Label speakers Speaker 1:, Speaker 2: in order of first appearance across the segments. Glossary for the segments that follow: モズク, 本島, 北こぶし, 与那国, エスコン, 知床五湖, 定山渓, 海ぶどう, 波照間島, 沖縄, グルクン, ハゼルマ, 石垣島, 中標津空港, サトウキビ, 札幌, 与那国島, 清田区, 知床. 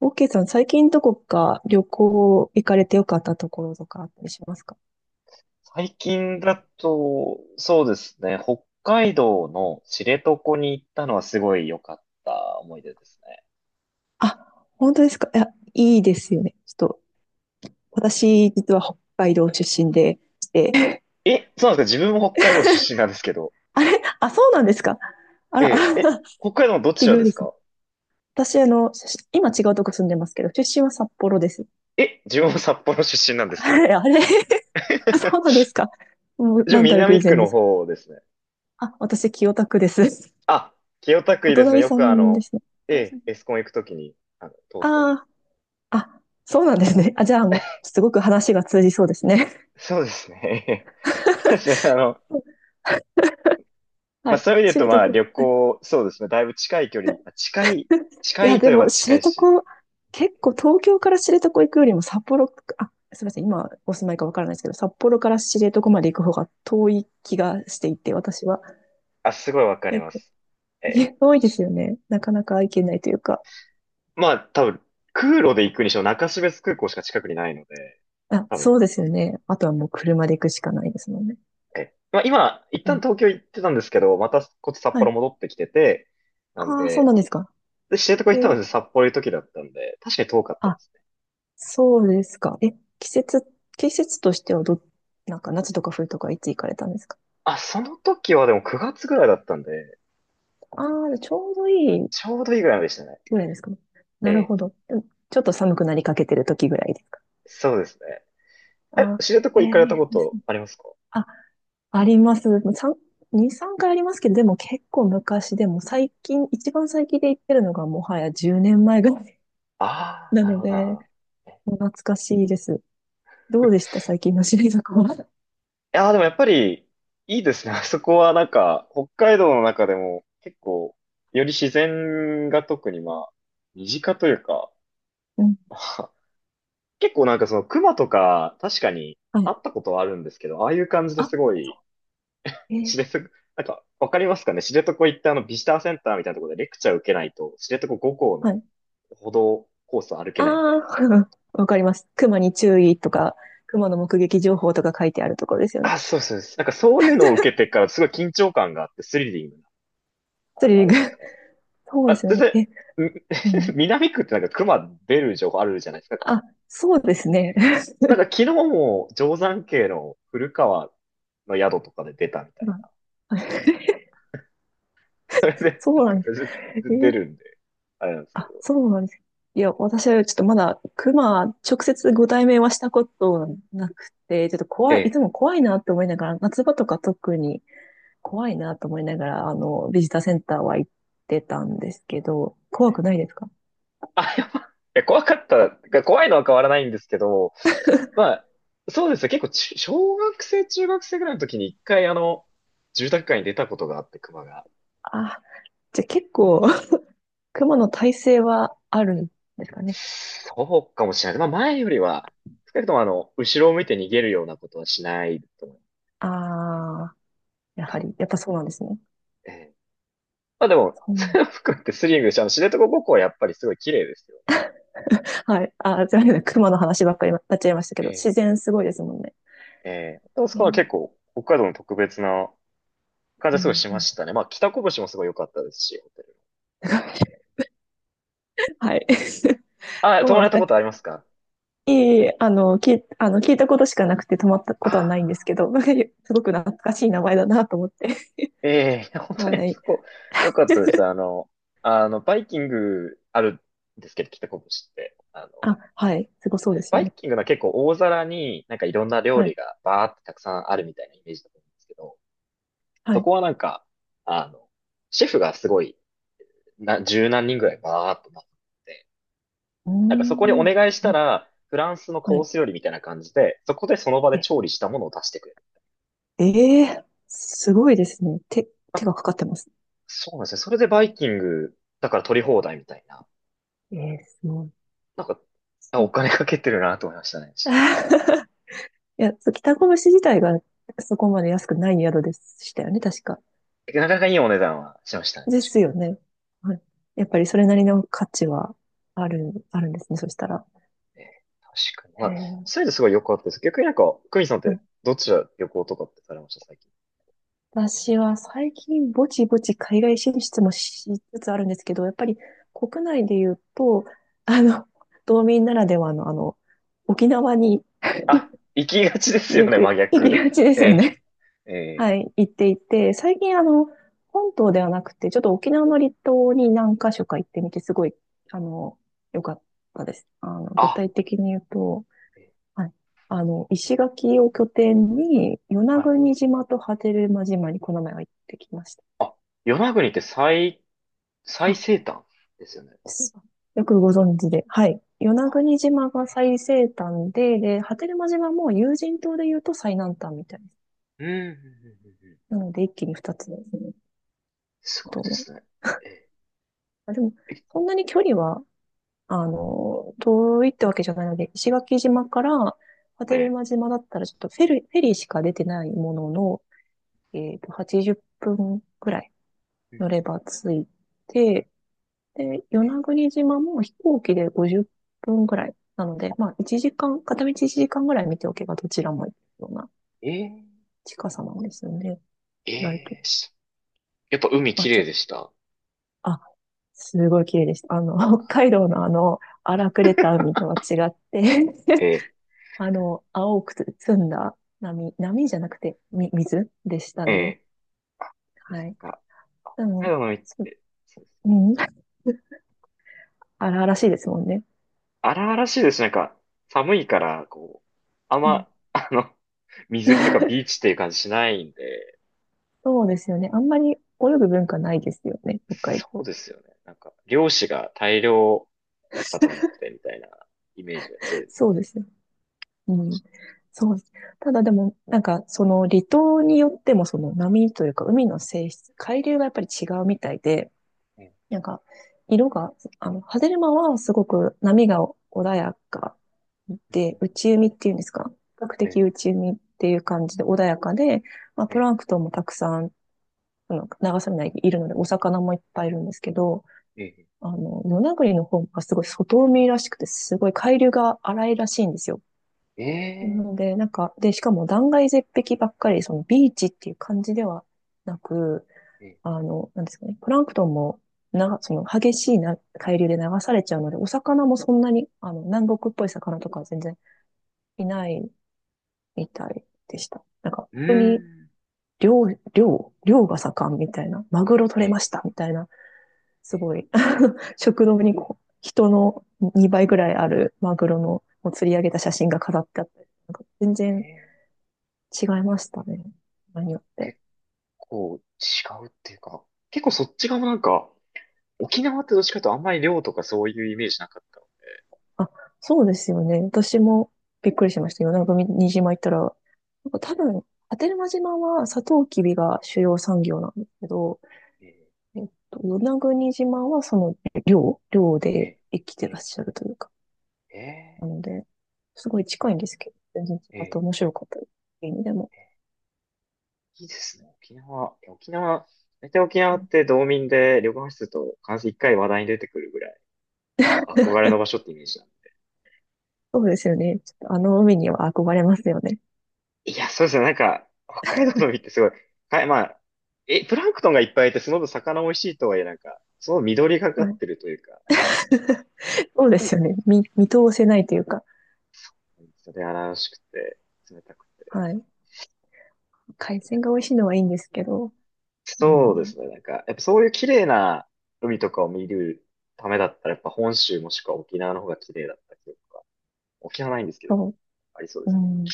Speaker 1: オーケーさん、最近どこか旅行行かれてよかったところとかあったりしますか？
Speaker 2: 最近だと、そうですね、北海道の知床に行ったのはすごい良かった思い出ですね。
Speaker 1: あ、本当ですか？いや、いいですよね。ちょっと、私、実は北海道出身でして、
Speaker 2: え、そうなんですか？自分も北海道出身なんですけど。
Speaker 1: あれ、あ、そうなんですか？あ
Speaker 2: え
Speaker 1: ら、あ
Speaker 2: え、え、
Speaker 1: ら
Speaker 2: 北海道の どち
Speaker 1: 奇
Speaker 2: ら
Speaker 1: 遇
Speaker 2: で
Speaker 1: で
Speaker 2: す
Speaker 1: すね。
Speaker 2: か？
Speaker 1: 私、今違うとこ住んでますけど、出身は札幌です。
Speaker 2: え、自分も札幌出身なん ですけ
Speaker 1: あ
Speaker 2: ど。
Speaker 1: れ、あれ あ、そうなんで すか？もう、
Speaker 2: 自
Speaker 1: な
Speaker 2: 分
Speaker 1: んたる
Speaker 2: 南
Speaker 1: 偶
Speaker 2: 区
Speaker 1: 然で
Speaker 2: の
Speaker 1: すか？
Speaker 2: 方ですね。
Speaker 1: あ、私、清田区です。
Speaker 2: あ、清田区い
Speaker 1: お
Speaker 2: いですね。
Speaker 1: 隣
Speaker 2: よ
Speaker 1: さ
Speaker 2: く
Speaker 1: んですね。お
Speaker 2: え
Speaker 1: 隣さ
Speaker 2: え、
Speaker 1: ん。
Speaker 2: エスコン行くときに、通ってます。
Speaker 1: ああ、そうなんですね。あ、じゃあもう、すごく話が通じそうですね。
Speaker 2: そうですね。そ うですね、
Speaker 1: は
Speaker 2: まあ
Speaker 1: い。
Speaker 2: そういう意味で言う
Speaker 1: 知
Speaker 2: とまあ
Speaker 1: 床。
Speaker 2: 旅行、そうですね。だいぶ近い距離。
Speaker 1: い
Speaker 2: 近
Speaker 1: や、
Speaker 2: いと
Speaker 1: で
Speaker 2: いえば
Speaker 1: も、知
Speaker 2: 近いし。
Speaker 1: 床、結構東京から知床行くよりも札幌、あ、すみません、今お住まいかわからないですけど、札幌から知床まで行く方が遠い気がしていて、私は。
Speaker 2: あ、すごいわかり
Speaker 1: 結
Speaker 2: ま
Speaker 1: 構、
Speaker 2: す。
Speaker 1: い
Speaker 2: え、
Speaker 1: や遠いですよね。なかなか行けないというか。
Speaker 2: まあ多分、空路で行くにしろ中標津空港しか近くにないので、
Speaker 1: あ、
Speaker 2: 多分、
Speaker 1: そうですよね。あとはもう車で行くしかないですもんね。
Speaker 2: え、まあ今、一
Speaker 1: う
Speaker 2: 旦
Speaker 1: ん、
Speaker 2: 東京行ってたんですけど、またこっち札
Speaker 1: は
Speaker 2: 幌
Speaker 1: い。
Speaker 2: 戻ってきてて、なん
Speaker 1: ああ、そう
Speaker 2: で、
Speaker 1: なんですか。
Speaker 2: で、知床行
Speaker 1: え
Speaker 2: ったの
Speaker 1: ー
Speaker 2: で札幌行く時だったんで、確かに遠かったですね。
Speaker 1: そうですか。え、季節、季節としてはなんか夏とか冬とかいつ行かれたんですか？
Speaker 2: あ、その時はでも9月ぐらいだったんで、
Speaker 1: ああー、ちょうどいい
Speaker 2: ちょうどいいぐらいまでしたね。
Speaker 1: ぐらいですかね。
Speaker 2: え
Speaker 1: なる
Speaker 2: え、
Speaker 1: ほど。うん、ちょっと寒くなりかけてる時ぐらいですか。
Speaker 2: そうですね。え、
Speaker 1: あ
Speaker 2: 知床
Speaker 1: え
Speaker 2: 行かれた
Speaker 1: え
Speaker 2: こ
Speaker 1: です
Speaker 2: と
Speaker 1: ね。
Speaker 2: ありますか？
Speaker 1: あ、あります。3、2、3回ありますけど、でも結構昔でも最近、一番最近で行ってるのがもはや10年前ぐらい
Speaker 2: ああ、
Speaker 1: な
Speaker 2: なる
Speaker 1: の
Speaker 2: ほど、なるほ
Speaker 1: で、
Speaker 2: ど。えい
Speaker 1: もう懐かしいです。どうでした、最近のシリーズは？
Speaker 2: やー、でもやっぱり、いいですね。あそこはなんか、北海道の中でも結構、より自然が特にまあ、身近というか、
Speaker 1: うん。
Speaker 2: まあ結構なんかその熊とか、確かに
Speaker 1: はい。
Speaker 2: 会ったことはあるんですけど、ああいう感じで
Speaker 1: あ、
Speaker 2: すごい、
Speaker 1: そう。え
Speaker 2: 知
Speaker 1: え、
Speaker 2: 床、なんか、わかりますかね、知床行ってビジターセンターみたいなところでレクチャー受けないと、知床5校
Speaker 1: は
Speaker 2: の
Speaker 1: い。
Speaker 2: 歩道コースを歩け
Speaker 1: あ
Speaker 2: ないみたい
Speaker 1: あ、
Speaker 2: な。
Speaker 1: わかります。熊に注意とか、熊の目撃情報とか書いてあるところですよね。
Speaker 2: あ、そうそうです。なんかそういうのを受けてからすごい緊張感があってスリリング、
Speaker 1: スリリ
Speaker 2: あ
Speaker 1: ン
Speaker 2: れ
Speaker 1: グ。
Speaker 2: でし たね。
Speaker 1: そうで
Speaker 2: あ、
Speaker 1: すよ
Speaker 2: 全
Speaker 1: ね。え、う
Speaker 2: 然、ん。
Speaker 1: ん。
Speaker 2: 南区ってなんか熊出る情報あるじゃないですか。
Speaker 1: あ、そうですね。
Speaker 2: なんか昨日も定山渓の古川の宿とかで出たみ た
Speaker 1: うん、
Speaker 2: い
Speaker 1: はい
Speaker 2: な。それで、な
Speaker 1: そ
Speaker 2: ん
Speaker 1: うな
Speaker 2: か
Speaker 1: んで
Speaker 2: 全
Speaker 1: す。え
Speaker 2: 然出る
Speaker 1: ー
Speaker 2: んで、あれなんですけど。
Speaker 1: あ、そうなんです。いや、私はちょっとまだ熊、直接ご対面はしたことなくて、ちょっと
Speaker 2: え
Speaker 1: 怖い、い
Speaker 2: え。
Speaker 1: つも怖いなと思いながら、夏場とか特に怖いなと思いながら、ビジターセンターは行ってたんですけど、怖
Speaker 2: ええ、
Speaker 1: くないですか？
Speaker 2: あ、やばい。や 怖かった。怖いのは変わらないんですけど、まあ、そうですね。結構小学生、中学生ぐらいの時に一回住宅街に出たことがあって、熊が。
Speaker 1: あ、じゃあ結構、熊の耐性はあるんですかね。
Speaker 2: そうかもしれない。まあ前よりは、少なくとも後ろを向いて逃げるようなことはしないと思う。
Speaker 1: ああ、やはり、やっぱそうなんですね。
Speaker 2: ええ。まあでも、
Speaker 1: そ う。
Speaker 2: それを含めてスリングして、知床五湖はやっぱりすごい綺麗ですよね。
Speaker 1: はい。すいません。熊の話ばっかりになっちゃいましたけど、
Speaker 2: え
Speaker 1: 自
Speaker 2: え。
Speaker 1: 然すごいですもんね。
Speaker 2: ええ、あそこは
Speaker 1: ね。
Speaker 2: 結構、北海道の特別な感じ
Speaker 1: う
Speaker 2: はすごい
Speaker 1: ん。
Speaker 2: し
Speaker 1: う
Speaker 2: ま
Speaker 1: ん
Speaker 2: したね。まあ北こぶしもすごい良かったですし、ホテル。
Speaker 1: はい。
Speaker 2: あ、
Speaker 1: そう
Speaker 2: 泊
Speaker 1: な
Speaker 2: ま
Speaker 1: んで
Speaker 2: れ
Speaker 1: す
Speaker 2: た
Speaker 1: か。
Speaker 2: こ
Speaker 1: い
Speaker 2: とありますか？
Speaker 1: い、聞いたことしかなくて止まったことはないんです
Speaker 2: ああ
Speaker 1: けど、すごく懐かしい名前だなと思って。
Speaker 2: ー、ええ、いや本 当に
Speaker 1: は
Speaker 2: あ
Speaker 1: い。
Speaker 2: そこ、良かったです。バイキングあるんですけど、北こぶしって。
Speaker 1: あ、はい。すごそうです
Speaker 2: バ
Speaker 1: よ
Speaker 2: イ
Speaker 1: ね。
Speaker 2: キングのは結構大皿になんかいろんな料
Speaker 1: は
Speaker 2: 理
Speaker 1: い。
Speaker 2: がバーってたくさんあるみたいなイメージだと思うんですけど、
Speaker 1: は
Speaker 2: そこ
Speaker 1: い。
Speaker 2: はなんか、あの、シェフがすごい、十何人ぐらいバーっとなって、
Speaker 1: う
Speaker 2: なんかそこに
Speaker 1: ー
Speaker 2: お
Speaker 1: ん。
Speaker 2: 願いし
Speaker 1: 急
Speaker 2: た
Speaker 1: な、
Speaker 2: ら、フランスの
Speaker 1: は
Speaker 2: コー
Speaker 1: い。
Speaker 2: ス料理みたいな感じで、そこでその場で
Speaker 1: え
Speaker 2: 調理したものを出してくれる。
Speaker 1: え、えーすごいですね。手
Speaker 2: あ、
Speaker 1: がかかってます。
Speaker 2: そうなんですね。それでバイキングだから取り放題みたいな。
Speaker 1: ええーすごい。
Speaker 2: なんか、あ
Speaker 1: そ
Speaker 2: お
Speaker 1: う
Speaker 2: 金かけてるなと思いましたね。
Speaker 1: いや、そう北越自体がそこまで安くない宿でしたよね、確か。
Speaker 2: なかなかいいお値段はしましたね、
Speaker 1: で
Speaker 2: 確
Speaker 1: す
Speaker 2: かに。
Speaker 1: よね。はい。やっぱりそれなりの価値はあるんですね、そしたら。
Speaker 2: えー確かに。ま
Speaker 1: へ
Speaker 2: あ、そうい
Speaker 1: え。
Speaker 2: うのすごいよくあってです。逆になんか、クミさんっ
Speaker 1: は
Speaker 2: て
Speaker 1: い。
Speaker 2: どちら旅行とかってされました、最近。
Speaker 1: 私は最近ぼちぼち海外進出もしつつあるんですけど、やっぱり国内で言うと、あの、道民ならではの沖縄に
Speaker 2: あ、行きがちですよ
Speaker 1: よ
Speaker 2: ね、
Speaker 1: く
Speaker 2: 真
Speaker 1: 行き
Speaker 2: 逆。
Speaker 1: がちで すよ
Speaker 2: え
Speaker 1: ね。
Speaker 2: ー、
Speaker 1: は
Speaker 2: えー、
Speaker 1: い、行っていて、最近本島ではなくて、ちょっと沖縄の離島に何か所か行ってみて、すごい、あの、良かったです。具
Speaker 2: あ、
Speaker 1: 体的に言うと、
Speaker 2: えー
Speaker 1: はい、石垣を拠点に、与那
Speaker 2: はい。
Speaker 1: 国島と波照間島にこの前は行ってきました。
Speaker 2: 与那国って最
Speaker 1: あ、
Speaker 2: 西端ですよね。
Speaker 1: そう、よくご存知で。はい。与那国島が最西端で、波照間島も有人島で言うと最南端みたいです。
Speaker 2: うん、うん、うん、うんうん。
Speaker 1: なので、一気に二つですね。
Speaker 2: すごいで
Speaker 1: 島、
Speaker 2: すね。え
Speaker 1: あ、でも、そんなに距離は遠いってわけじゃないので、石垣島から波
Speaker 2: ー、
Speaker 1: 照
Speaker 2: え
Speaker 1: 間島だったらちょっとフェリーしか出てないものの、80分くらい
Speaker 2: うん。
Speaker 1: 乗れば着いて、で、与
Speaker 2: え
Speaker 1: 那国島も飛行機で50分くらいなので、まあ、1時間、片道1時間ぐらい見ておけばどちらも行くような
Speaker 2: ー、え
Speaker 1: 近さなんですよね。
Speaker 2: ー、
Speaker 1: 意外と。
Speaker 2: えーしやっぱ海
Speaker 1: まあ、
Speaker 2: 綺麗でした？
Speaker 1: あ、すごい綺麗でした。北海道の荒くれた海とは違って、
Speaker 2: え
Speaker 1: 青くつ澄んだ波、波じゃなくて、水でした
Speaker 2: ー、
Speaker 1: ね。
Speaker 2: え
Speaker 1: はい。
Speaker 2: なんか、
Speaker 1: で
Speaker 2: 北海
Speaker 1: も、
Speaker 2: 道の海っ
Speaker 1: そう、
Speaker 2: て、
Speaker 1: うん、荒々しいですもんね。
Speaker 2: 荒々しいですし。なんか、寒いから、こう、あん
Speaker 1: う
Speaker 2: ま、
Speaker 1: ん。
Speaker 2: 水着とかビー チっていう感じしないんで、
Speaker 1: そうですよね。あんまり泳ぐ文化ないですよね、北海
Speaker 2: そう
Speaker 1: 道。
Speaker 2: ですよね。なんか、漁師が大量肩持ってみたいなイメージが強いです
Speaker 1: そうですよ。うん。そうです。ただでも、なんか、その離島によっても、その波というか、海の性質、海流がやっぱり違うみたいで、
Speaker 2: ね。
Speaker 1: なんか、色が、ハゼルマはすごく波が穏やかで、内海っていうんですか、比較
Speaker 2: え
Speaker 1: 的
Speaker 2: え、
Speaker 1: 内海っていう感じで穏やかで、まあ、
Speaker 2: え
Speaker 1: プ
Speaker 2: え、
Speaker 1: ランクトンもたくさん、流されないいるので、お魚もいっぱいいるんですけど、
Speaker 2: ええ、
Speaker 1: 与那国の方がすごい外海らしくて、すごい海流が荒いらしいんですよ。
Speaker 2: え
Speaker 1: なの
Speaker 2: え、
Speaker 1: で、なんか、で、しかも断崖絶壁ばっかり、そのビーチっていう感じではなく、
Speaker 2: ええ、
Speaker 1: なんですかね、プランクトンも、その激しいな海流で流されちゃうので、お魚もそんなに、南国っぽい魚とかは全然いないみたいでした。なんか、
Speaker 2: うー
Speaker 1: 逆に、
Speaker 2: ん、
Speaker 1: 漁、漁が盛んみたいな、マグロ取
Speaker 2: え
Speaker 1: れま
Speaker 2: え、
Speaker 1: したみたいな、
Speaker 2: え
Speaker 1: す
Speaker 2: え、
Speaker 1: ごい、食堂にこう人の2倍ぐらいあるマグロのを釣り上げた写真が飾ってあった、なんか全
Speaker 2: え
Speaker 1: 然
Speaker 2: え、
Speaker 1: 違いましたね。場合によって。
Speaker 2: 結構違うっていうか、結構そっち側もなんか、沖縄ってどっちかというとあんまり漁とかそういうイメージなかったの
Speaker 1: あ、そうですよね。私もびっくりしました。与那国島行ったら、なんか多分、波照間島はサトウキビが主要産業なんですけど、
Speaker 2: で。
Speaker 1: 与那国島はその漁
Speaker 2: え
Speaker 1: で
Speaker 2: え、
Speaker 1: 生きて
Speaker 2: え
Speaker 1: らっ
Speaker 2: え、
Speaker 1: しゃるというか、
Speaker 2: ええ、え
Speaker 1: なので、すごい近いんですけど、全然違
Speaker 2: え、
Speaker 1: って
Speaker 2: ええ、
Speaker 1: 面白かったです。いい意味でも。
Speaker 2: いいですね。沖縄。いや沖縄、大体沖
Speaker 1: う
Speaker 2: 縄っ
Speaker 1: ん、
Speaker 2: て道民で旅行室と必ず一回話題に出てくるぐらい、か憧れの場所ってイメージなん
Speaker 1: そうですよね。ちょっとあの海には憧れますよね。
Speaker 2: で。いや、そうですね。なんか、北海道の海ってすごい、はい、まあ、プランクトンがいっぱいいて、その分魚美味しいとはいえ、なんか、その緑がか
Speaker 1: は
Speaker 2: っ
Speaker 1: い。
Speaker 2: てるというか、
Speaker 1: そうですよね。見通せないというか、
Speaker 2: それ荒々しくて、冷たくて。
Speaker 1: はい。海鮮が美味しいのはいいんですけど、う
Speaker 2: そうで
Speaker 1: ん。
Speaker 2: すね。なんか、やっぱそういう綺麗な海とかを見るためだったら、やっぱ本州もしくは沖縄の方が綺麗だったりとか、沖縄ないんですけど、
Speaker 1: そ
Speaker 2: ありそうで
Speaker 1: う。う
Speaker 2: すね。
Speaker 1: ん。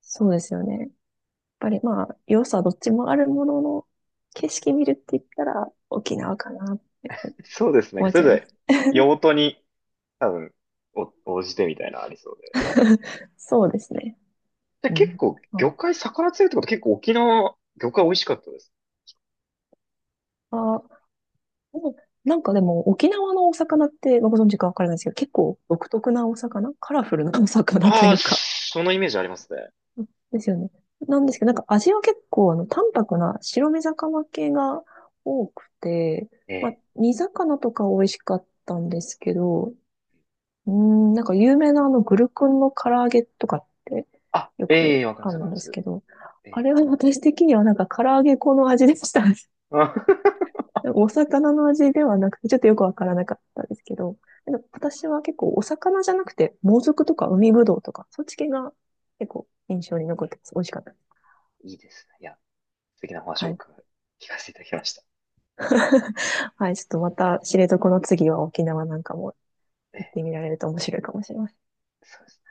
Speaker 1: そうですよね。やっぱりまあ、良さどっちもあるものの、景色見るって言ったら沖縄かなって、やっぱり
Speaker 2: そうですね。
Speaker 1: 思っ
Speaker 2: そ
Speaker 1: ち
Speaker 2: れ
Speaker 1: ゃい
Speaker 2: ぞ
Speaker 1: ま
Speaker 2: れ
Speaker 1: す。
Speaker 2: 用途に多分お応じてみたいなのありそうで。
Speaker 1: そうですね。
Speaker 2: で、
Speaker 1: う
Speaker 2: 結
Speaker 1: ん。
Speaker 2: 構
Speaker 1: あ、
Speaker 2: 魚介魚釣りってこと結構沖縄魚介美味しかったです。
Speaker 1: あ、うん、なんかでも沖縄のお魚ってご存知かわからないですけど、結構独特なお魚、カラフルなお魚と
Speaker 2: あ
Speaker 1: い
Speaker 2: あ、
Speaker 1: うか、
Speaker 2: そのイメージありますね。
Speaker 1: ですよね。なんですけど、なんか味は結構淡白な白身魚系が多くて、
Speaker 2: え
Speaker 1: まあ、
Speaker 2: え。
Speaker 1: 煮魚とか美味しかったんですけど、うーん、なんか有名なあのグルクンの唐揚げとかって
Speaker 2: あ、
Speaker 1: よ
Speaker 2: え
Speaker 1: く
Speaker 2: え、わかりま
Speaker 1: あ
Speaker 2: すわ
Speaker 1: る
Speaker 2: かり
Speaker 1: ん
Speaker 2: ま
Speaker 1: です
Speaker 2: す。
Speaker 1: けど、
Speaker 2: え
Speaker 1: あ
Speaker 2: え。
Speaker 1: れは私的にはなんか唐揚げ粉の味でした。
Speaker 2: あ。
Speaker 1: お魚の味ではなくて、ちょっとよくわからなかったんですけど、でも私は結構お魚じゃなくて、モズクとか海ぶどうとか、そっち系が結構印象に残ってます。美味しかったです。
Speaker 2: いいですね。いや、素敵なお話
Speaker 1: は
Speaker 2: を
Speaker 1: い。
Speaker 2: 伺い聞かせていただきました。
Speaker 1: はい、ちょっとまた知床の次は沖縄なんかも
Speaker 2: え
Speaker 1: 行っ
Speaker 2: え、
Speaker 1: てみられると面白いかもしれません。
Speaker 2: そうです。